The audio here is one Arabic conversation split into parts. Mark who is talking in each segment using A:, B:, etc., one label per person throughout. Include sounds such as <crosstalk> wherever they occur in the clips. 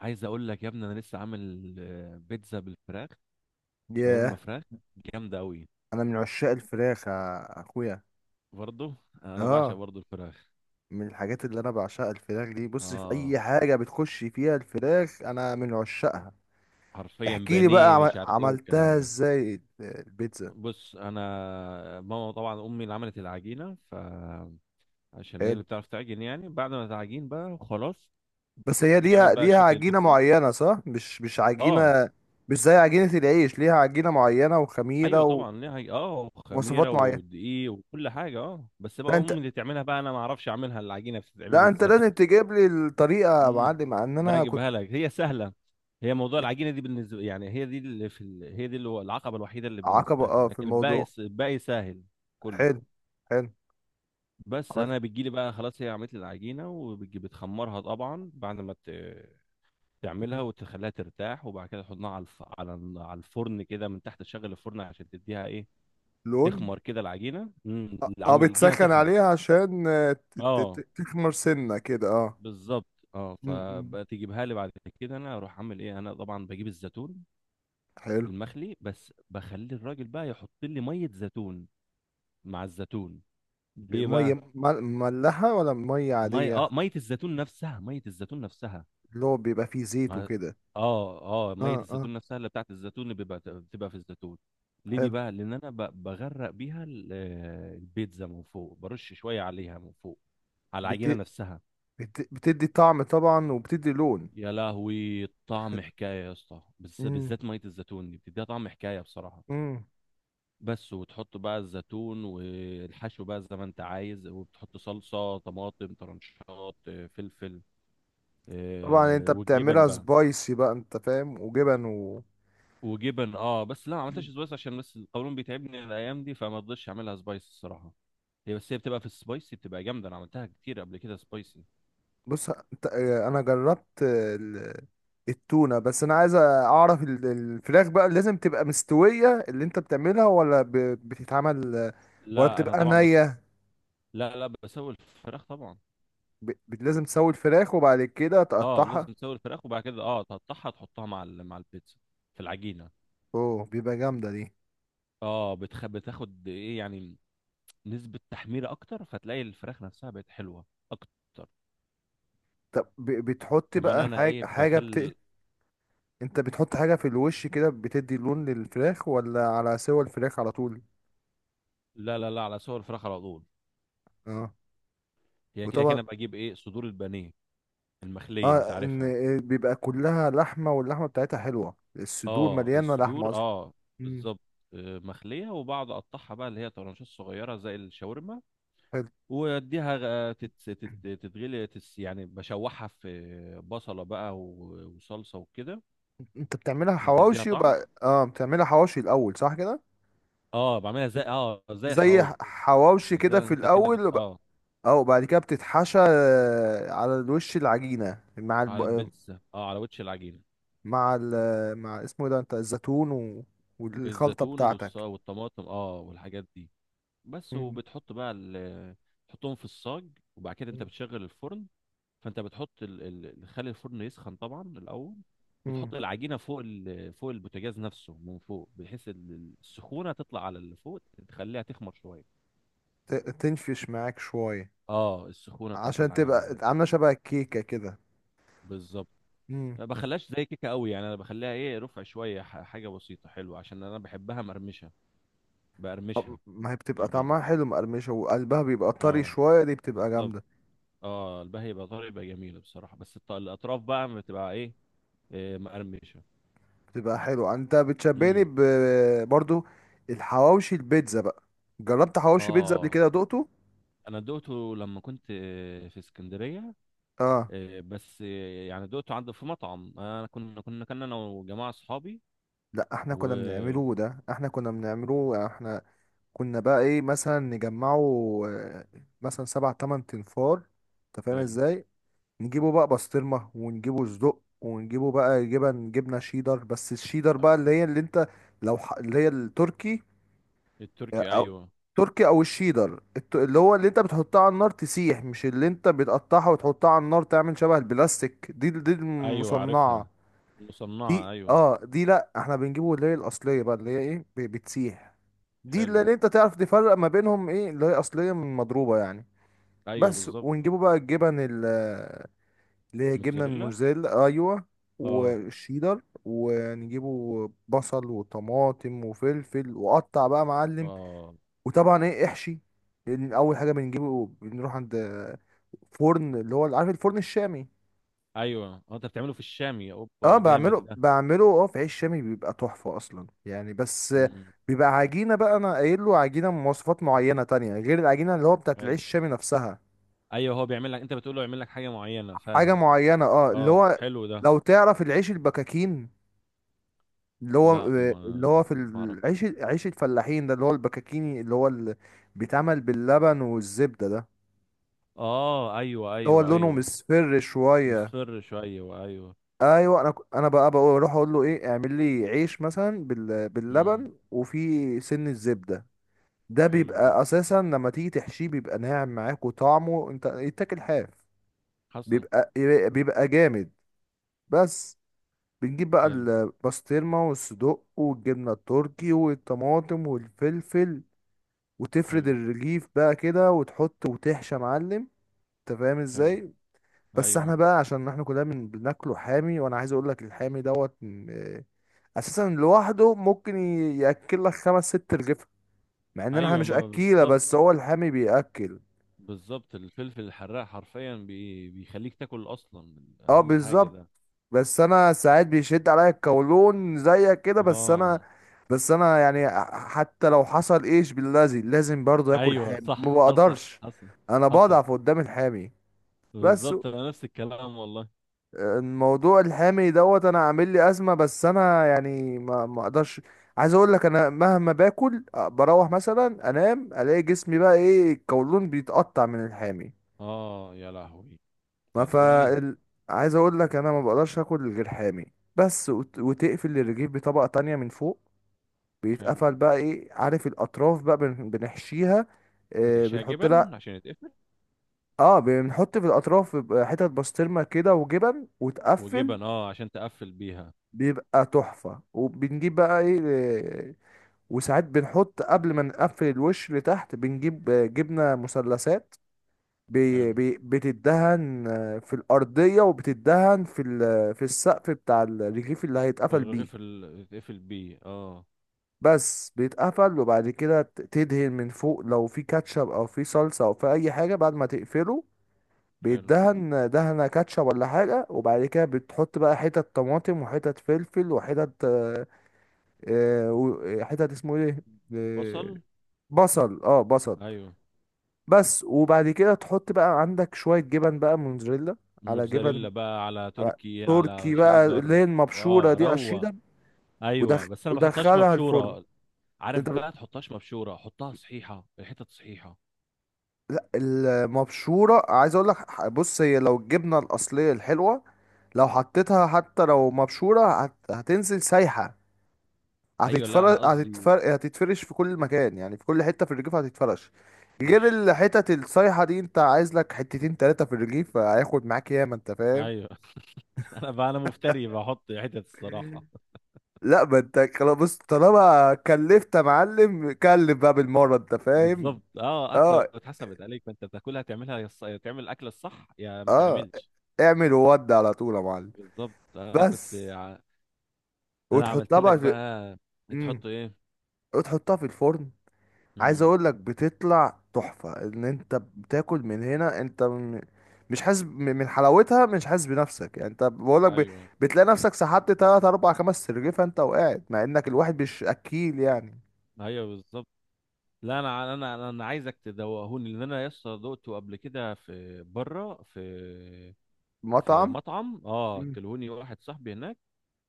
A: عايز اقول لك يا ابني، انا لسه عامل بيتزا بالفراخ. شاورما
B: ياه.
A: فراخ، جامده قوي.
B: انا من عشاق الفراخ يا اخويا.
A: برضه انا بعشق
B: اه.
A: برضه الفراخ.
B: من الحاجات اللي انا بعشقها الفراخ دي. بص، في اي
A: اه،
B: حاجه بتخش فيها الفراخ انا من عشاقها.
A: حرفيا
B: احكي لي بقى
A: بانيه مش عارف ايه
B: عملتها
A: والكلام ده.
B: ازاي البيتزا؟
A: بص انا، ماما طبعا، امي اللي عملت العجينه، فعشان هي
B: حلو.
A: اللي بتعرف تعجن، يعني بعد ما تعجين بقى خلاص
B: بس هي
A: تعمل
B: ليها
A: بقى
B: ليها
A: شكل
B: عجينه
A: البيتزا.
B: معينه صح؟ مش
A: اه.
B: عجينه، مش زي عجينه العيش، ليها عجينه معينه
A: ايوه
B: وخميره
A: طبعا ليها خميره
B: ومواصفات معينه.
A: ودقيق وكل حاجه، بس
B: لا
A: بقى
B: انت
A: امي اللي تعملها بقى، انا ما اعرفش اعملها، العجينه بتتعمل
B: لا انت
A: ازاي؟
B: لازم تجيب لي الطريقه يا
A: امم
B: معلم، مع ان
A: لا،
B: انا كنت
A: اجيبها لك، هي سهله. هي موضوع العجينه دي بالنسبه يعني، هي دي اللي هو العقبه الوحيده اللي
B: عقبه
A: بالنسبه لي،
B: في
A: لكن الباقي
B: الموضوع.
A: الباقي سهل كله.
B: حلو، حلو.
A: بس
B: عملت
A: انا بتجي لي بقى خلاص، هي عملت لي العجينه، وبتجي بتخمرها طبعا بعد ما تعملها وتخليها ترتاح، وبعد كده تحطها على على الفرن كده من تحت، تشغل الفرن عشان تديها ايه،
B: لون.
A: تخمر كده العجينه.
B: اه،
A: العجينه
B: بتسخن
A: تخمر.
B: عليها عشان
A: اه
B: تخمر سنة كده. اه.
A: بالظبط. اه
B: م- م.
A: فبقى تجيبها لي بعد كده، انا اروح اعمل ايه، انا طبعا بجيب الزيتون
B: حلو.
A: المخلي، بس بخلي الراجل بقى يحط لي ميه زيتون مع الزيتون. ليه
B: مية
A: بقى
B: مل- مملحة ولا مية
A: ميه؟ اه
B: عادية؟
A: ميه الزيتون نفسها، ميه الزيتون نفسها.
B: اللي هو بيبقى فيه زيت
A: ما...
B: وكده.
A: اه اه ميه
B: اه، اه.
A: الزيتون نفسها اللي بتاعت الزيتون، اللي بيبقى بتبقى في الزيتون. ليه دي
B: حلو.
A: بقى، لان انا بغرق بيها البيتزا من فوق، برش شويه عليها من فوق، على العجينه
B: بت...
A: نفسها.
B: بتدي طعم طبعا وبتدي لون.
A: يا لهوي طعم حكايه يا اسطى، بس
B: مم.
A: بالذات ميه الزيتون دي بتديها طعم حكايه بصراحه.
B: مم.
A: بس، وتحط بقى الزيتون والحشو بقى زي ما انت عايز، وبتحط صلصة طماطم، طرنشات فلفل،
B: طبعا، انت
A: والجبن
B: بتعملها
A: بقى.
B: سبايسي بقى، انت فاهم، وجبن.
A: وجبن. اه بس لا، ما عملتهاش سبايس، عشان بس القولون بيتعبني الايام دي، فما رضيتش اعملها سبايس الصراحة. هي بس هي بتبقى في السبايسي بتبقى جامدة، انا عملتها كتير قبل كده سبايسي.
B: بص، انا جربت التونة. بس انا عايز اعرف الفراخ بقى لازم تبقى مستوية اللي انت بتعملها، ولا بتتعمل ولا
A: لا انا
B: بتبقى
A: طبعا بس.
B: نية؟
A: لا، لا، بسوي الفراخ طبعا.
B: لازم تسوي الفراخ وبعد كده
A: اه،
B: تقطعها.
A: لازم تسوي الفراخ وبعد كده تقطعها، تحطها مع البيتزا في العجينة.
B: اوه، بيبقى جامدة دي.
A: اه. بتاخد ايه يعني، نسبة تحميرة أكتر، فتلاقي الفراخ نفسها بقت حلوة أكتر.
B: طب بتحط
A: كمان
B: بقى
A: أنا
B: حاجة
A: إيه
B: حاجة بت...
A: بخل.
B: انت بتحط حاجة في الوش كده بتدي لون للفراخ، ولا على سوى الفراخ على طول؟
A: لا، لا، لا، على سوى الفراخ على طول.
B: اه.
A: هي كده
B: وطبعا.
A: كده بجيب إيه، صدور البانيه المخلية، أنت
B: اه ان
A: عارفها.
B: آه، بيبقى كلها لحمة واللحمة بتاعتها حلوة، الصدور
A: أه
B: مليانة لحمة
A: الصدور،
B: اصلا.
A: أه بالظبط. مخلية، وبقعد أقطعها بقى اللي هي طرنشات صغيرة زي الشاورما.
B: حلو.
A: وأديها تتغلي يعني بشوحها في بصلة بقى وصلصة وكده،
B: انت بتعملها
A: عشان تديها
B: حواوشي،
A: طعم.
B: وبقى بتعملها حواوشي الاول صح كده.
A: أه بعملها زي
B: زي
A: الحواوشي.
B: حواوشي
A: زي
B: كده
A: ما
B: في
A: أنت كأنك بت...
B: الاول
A: أه
B: اه. وبعد كده بتتحشى على الوش العجينه، مع الب...
A: على
B: آه،
A: البيتزا، اه على وش العجينه.
B: مع ال... آه، مع اسمه إيه ده، انت، الزيتون والخلطه
A: الزيتون
B: بتاعتك.
A: والطماطم والحاجات دي. بس
B: مم.
A: وبتحط بقى تحطهم في الصاج، وبعد كده انت
B: مم.
A: بتشغل الفرن. فانت بتحط خلي الفرن يسخن طبعا الاول،
B: مم.
A: وتحط العجينه فوق البوتاجاز نفسه من فوق، بحيث السخونه تطلع على اللي فوق، تخليها تخمر شويه.
B: تنفش معاك شويه
A: اه السخونه بتاعت
B: عشان تبقى عامله شبه الكيكه كده.
A: بالظبط.
B: مم.
A: ما بخليهاش زي كيكه قوي يعني، انا بخليها ايه، رفع شويه، حاجه بسيطه حلوه، عشان انا بحبها مرمشه
B: طب
A: بقرمشها.
B: ما هي بتبقى
A: العجينه
B: طعمها حلو مقرمشه، وقلبها بيبقى طري
A: اه
B: شويه، دي بتبقى
A: بالظبط.
B: جامده.
A: اه البهي يبقى طري، يبقى جميله بصراحه، بس الاطراف بقى بتبقى ايه، إيه مقرمشه.
B: تبقى حلو. انت بتشبهني
A: امم
B: برضو. الحواوشي البيتزا بقى. جربت حواوشي بيتزا قبل
A: اه،
B: كده دقته؟
A: انا دقته لما كنت في اسكندريه.
B: اه.
A: بس يعني دقته عند في مطعم، انا كنا انا وجماعه اصحابي.
B: لا، احنا
A: و
B: كنا بنعمله ده احنا كنا بنعمله احنا. كنا بقى ايه مثلا نجمعه آه، مثلا سبع تمن تنفار، انت فاهم
A: حلو.
B: ازاي. نجيبه بقى بسطرمة، ونجيبه صدق، ونجيبه بقى جبن، جبنة شيدر. بس الشيدر
A: آه،
B: بقى اللي هي، اللي انت لو اللي هي التركي،
A: التركي
B: أو
A: ايوه.
B: تركي، او الشيدر اللي هو اللي انت بتحطها على النار تسيح، مش اللي انت بتقطعها وتحطها على النار تعمل شبه البلاستيك دي
A: ايوه عارفها
B: المصنعة.
A: المصنعه
B: دي،
A: ايوه.
B: اه، دي. لا، احنا بنجيبه اللي هي الاصلية بقى اللي هي ايه، بتسيح. دي، اللي
A: حلو.
B: اللي انت تعرف تفرق ما بينهم ايه اللي هي اصلية من مضروبة يعني.
A: ايوه
B: بس.
A: بالظبط.
B: ونجيبه بقى الجبن اللي هي جبنة
A: موتزاريلا.
B: الموزاريلا، ايوه.
A: اه،
B: والشيدر. ونجيبه بصل وطماطم وفلفل وقطع بقى معلم.
A: اه،
B: وطبعا ايه، احشي. لأن اول حاجه بنجيبه، بنروح عند فرن، اللي هو عارف، الفرن الشامي.
A: ايوه. انت بتعمله في الشامي
B: اه،
A: اوبا جامد
B: بعمله،
A: ده.
B: في عيش شامي بيبقى تحفه اصلا يعني. بس
A: امم
B: بيبقى عجينه بقى، انا قايل له عجينه مواصفات معينه تانية غير العجينه اللي هو بتاعت العيش
A: حلو.
B: الشامي نفسها.
A: ايوه هو بيعمل لك، انت بتقول له يعمل لك حاجه معينه،
B: حاجه
A: فاهم.
B: معينه، اه، اللي
A: اه
B: هو.
A: حلو ده.
B: لو تعرف العيش البكاكين، اللي هو،
A: لا ما ما
B: في
A: ما اعرف.
B: العيش، عيش الفلاحين ده، اللي هو البكاكيني، اللي هو اللي بيتعمل باللبن والزبده ده،
A: اه ايوه،
B: اللي هو
A: ايوه،
B: لونه
A: ايوه.
B: مصفر شويه.
A: مصفر شويه ايوه.
B: ايوه. انا انا بقى بقول اروح اقول له ايه، اعمل لي عيش مثلا
A: امم
B: باللبن وفي سن الزبده. ده
A: حلو ده
B: بيبقى اساسا لما تيجي تحشيه بيبقى ناعم معاك، وطعمه انت يتاكل حاف.
A: حسن.
B: بيبقى، جامد. بس. بنجيب بقى
A: حلو،
B: البسطرمه والصدق والجبنه التركي والطماطم والفلفل، وتفرد
A: حلو،
B: الرغيف بقى كده وتحط وتحشى يا معلم، انت فاهم
A: حلو.
B: ازاي. بس احنا
A: ايوه،
B: بقى عشان احنا كلنا بناكله حامي، وانا عايز اقول لك الحامي دوت اساسا لوحده ممكن ياكل لك خمس ست رغيف، مع ان احنا
A: ايوه
B: مش
A: ما
B: اكيله،
A: بالظبط.
B: بس هو الحامي بياكل.
A: بالظبط، الفلفل الحراق حرفيا بيخليك تاكل اصلا.
B: اه،
A: اهم حاجه
B: بالظبط.
A: ده.
B: بس انا ساعات بيشد عليا الكولون زيك كده، بس انا.
A: اه
B: بس انا يعني حتى لو حصل ايش باللازم، لازم برضه اكل
A: ايوه
B: حامي، ما
A: صح. حصل،
B: بقدرش.
A: حصل،
B: انا
A: حصل.
B: بضعف قدام الحامي. بس.
A: بالظبط، انا نفس الكلام والله.
B: الموضوع الحامي دوت انا عامل لي ازمه، بس انا يعني ما اقدرش. عايز اقول لك انا مهما باكل، بروح مثلا انام، الاقي جسمي بقى ايه، القولون بيتقطع من الحامي.
A: اه يا لهوي. انت
B: ما
A: هتقول لي.
B: فا ال... عايز اقول لك انا ما بقدرش اكل غير حامي. بس وتقفل الرغيف بطبقه تانية من فوق.
A: حلو.
B: بيتقفل بقى ايه، عارف، الاطراف بقى بنحشيها.
A: بتحشيها
B: بنحط لها.
A: جبن عشان يتقفل.
B: اه، بنحط في الاطراف بيبقى حتت بسطرمه كده وجبن وتقفل.
A: وجبن اه عشان تقفل بيها.
B: بيبقى تحفة. وبنجيب بقى ايه وساعات بنحط قبل ما نقفل الوش لتحت، بنجيب جبنة مثلثات. بي
A: حلو.
B: بي بتدهن في الأرضية، وبتدهن في السقف بتاع الرغيف اللي هيتقفل
A: الرغيف
B: بيه.
A: اللي يتقفل بيه اه.
B: بس بيتقفل. وبعد كده تدهن من فوق لو في كاتشب أو في صلصة أو في أي حاجة بعد ما تقفله.
A: حلو.
B: بيتدهن دهنة كاتشب ولا حاجة. وبعد كده بتحط بقى حتت طماطم وحتت فلفل وحتت حتت اسمه ايه آه،
A: بصل.
B: بصل. اه بصل.
A: ايوه.
B: بس. وبعد كده تحط بقى عندك شوية جبن بقى موزاريلا، على جبن،
A: موتزاريلا بقى على
B: على
A: تركي
B: تركي
A: على
B: بقى اللي
A: شيدر.
B: هي المبشورة
A: اه
B: دي، على
A: روق.
B: الشيدر.
A: ايوه بس انا بحطهاش
B: ودخلها الفرن.
A: مبشوره.
B: انت
A: عارف
B: ب-
A: بقى، تحطهاش مبشوره، حطها صحيحه، الحتت صحيحه.
B: لا المبشورة، عايز اقول لك بص هي، لو الجبنة الأصلية الحلوة لو حطيتها حتى لو مبشورة هتنزل سايحة،
A: ايوه لا، انا قصدي
B: هتتفرش في كل مكان، يعني في كل حتة في الرجيف هتتفرش. غير
A: مش.
B: الحتت الصيحة دي، انت عايز لك حتتين تلاتة في الرجيف، هياخد معاك ياما، انت فاهم.
A: ايوه. <laughs> انا مفتري بحط حتت الصراحه.
B: لا ما انت خلاص بص، طالما كلفت يا معلم كلف بقى بالمرة، انت فاهم.
A: بالظبط. اه، اكله
B: اه،
A: اتحسبت عليك، فانت بتاكلها تعملها تعمل الاكله الصح يا ما
B: اه.
A: تعملش.
B: اعمل وود على طول يا معلم.
A: بالظبط انا كنت
B: بس.
A: انا عملت
B: وتحطها
A: لك
B: بقى
A: بقى.
B: مم.
A: تحط ايه؟
B: وتحطها في الفرن. عايز
A: امم
B: اقول لك بتطلع تحفة، ان انت بتاكل من هنا، انت مش حاسس من حلاوتها، مش حاسس بنفسك يعني، انت بقول لك
A: ايوه،
B: بتلاقي نفسك سحبت تلات اربع خمس سرجيفة انت، وقاعد، مع انك الواحد مش اكيل يعني.
A: ايوه بالظبط. لا انا انا انا أنا عايزك تدوقهوني، لان انا يسطا دقته قبل كده في بره في
B: مطعم.
A: مطعم. اه
B: مم.
A: كلهوني واحد صاحبي هناك.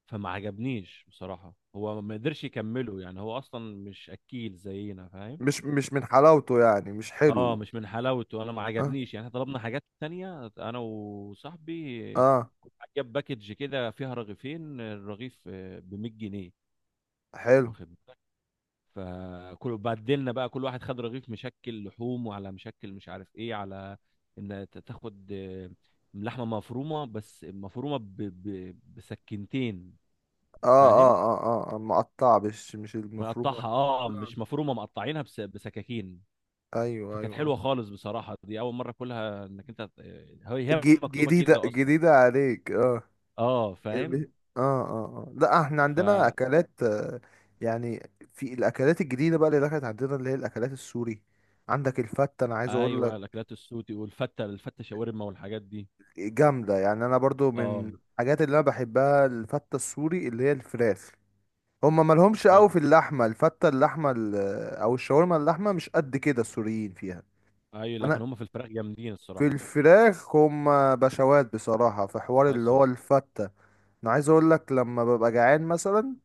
A: فما عجبنيش بصراحه، هو ما قدرش يكمله يعني، هو اصلا مش اكيل زينا، فاهم.
B: مش من حلاوته يعني، مش
A: اه
B: حلو.
A: مش من حلاوته، انا ما
B: اه،
A: عجبنيش يعني، احنا طلبنا حاجات تانية انا وصاحبي.
B: اه،
A: كنت جاب باكج كده فيها رغيفين، الرغيف ب 100 جنيه،
B: حلو.
A: واخد بالك. فكل بدلنا بقى كل واحد خد رغيف مشكل لحوم، وعلى مشكل مش عارف ايه، على ان تاخد لحمه مفرومه، بس مفرومه بسكينتين،
B: اه، اه،
A: فاهم.
B: اه، اه. مقطع، مش المفروض.
A: مقطعها اه، مش مفرومه، مقطعينها بسكاكين.
B: ايوه، ايوه،
A: فكانت
B: أيوة.
A: حلوه خالص بصراحه، دي اول مره كلها، انك انت، هي مكتوبه
B: جديدة
A: كده اصلا.
B: جديدة عليك، اه.
A: اه
B: ب-
A: فاهم.
B: اه، اه، اه. لا احنا
A: ف
B: عندنا اكلات يعني في الاكلات الجديده بقى اللي دخلت عندنا اللي هي الاكلات السوري. عندك الفته، انا عايز اقول لك
A: ايوه الاكلات السوتي، والفته شاورما والحاجات دي.
B: جامده يعني. انا برضو
A: اه
B: من الحاجات اللي انا بحبها الفته السوري اللي هي الفراخ. هما مالهمش قوي
A: حلو.
B: في اللحمه، الفته اللحمه او الشاورما، اللحمه مش قد كده السوريين فيها.
A: ايوه
B: انا
A: لكن هم في الفراخ جامدين
B: في
A: الصراحه.
B: الفراخ هما بشوات بصراحه في حوار اللي
A: حصل.
B: هو الفته. انا عايز اقول لك لما ببقى جعان مثلا،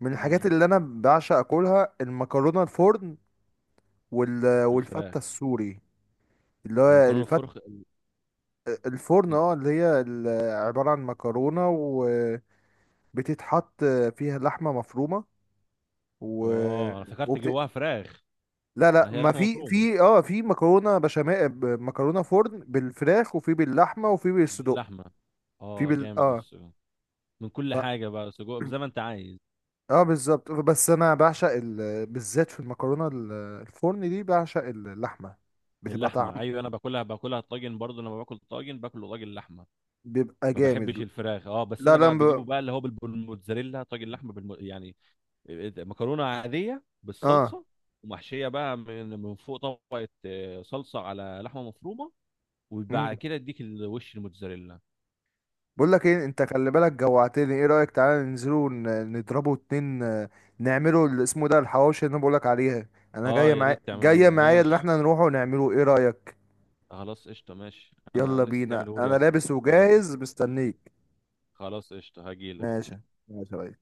B: من الحاجات
A: امم
B: اللي انا بعشق اكلها المكرونه الفرن،
A: في الفراخ
B: والفته السوري اللي هو
A: والمكرونه
B: الفت
A: الفرخ.
B: الفرن اه، اللي هي عباره عن مكرونه وبتتحط فيها لحمه مفرومه و...
A: اه، انا افتكرت
B: وبت...
A: جواها فراخ.
B: لا، لا،
A: لا، هي
B: ما
A: لحمه مفرومه.
B: في مكرونه بشاميل، مكرونه فرن بالفراخ، وفي باللحمه، وفي بالصدق.
A: باللحمه
B: في
A: اه
B: بال
A: جامد
B: اه.
A: السجق. من كل حاجه بقى، سجق زي ما انت
B: <clears throat>
A: عايز.
B: اه، بالظبط. بس انا بعشق بالذات في المكرونه الفرن دي بعشق اللحمه، بتبقى
A: اللحمه
B: طعم،
A: ايوه. انا باكلها طاجن برضه. لما باكل طاجن باكله طاجن لحمه.
B: بيبقى
A: ما بحبش
B: جامد.
A: الفراخ اه، بس
B: لا،
A: انا
B: لا،
A: بقى بجيبه بقى اللي هو بالموتزاريلا طاجن لحمه يعني مكرونه عاديه
B: اه.
A: بالصلصه. ومحشيه بقى من فوق طبقه صلصه على لحمه مفرومه. وبعد
B: مم.
A: كده اديك الوش الموتزاريلا.
B: بقول لك ايه، انت خلي بالك جوعتني، ايه رأيك تعالى ننزلوا نضربوا اتنين نعملوا اللي اسمه ده الحواوشي اللي انا بقول لك عليها. انا
A: اه،
B: جايه
A: يا
B: معايا
A: ريت تعملوا
B: جايه
A: لي.
B: معايا اللي
A: ماشي
B: احنا نروحه ونعمله، ايه رأيك؟
A: خلاص قشطه. ماشي، انا
B: يلا
A: لسه
B: بينا،
A: تعمله لي
B: انا
A: اصلا.
B: لابس
A: خلاص
B: وجاهز
A: قشطه.
B: مستنيك.
A: خلاص قشطه هجيلك.
B: ماشي، ماشي يا ريس.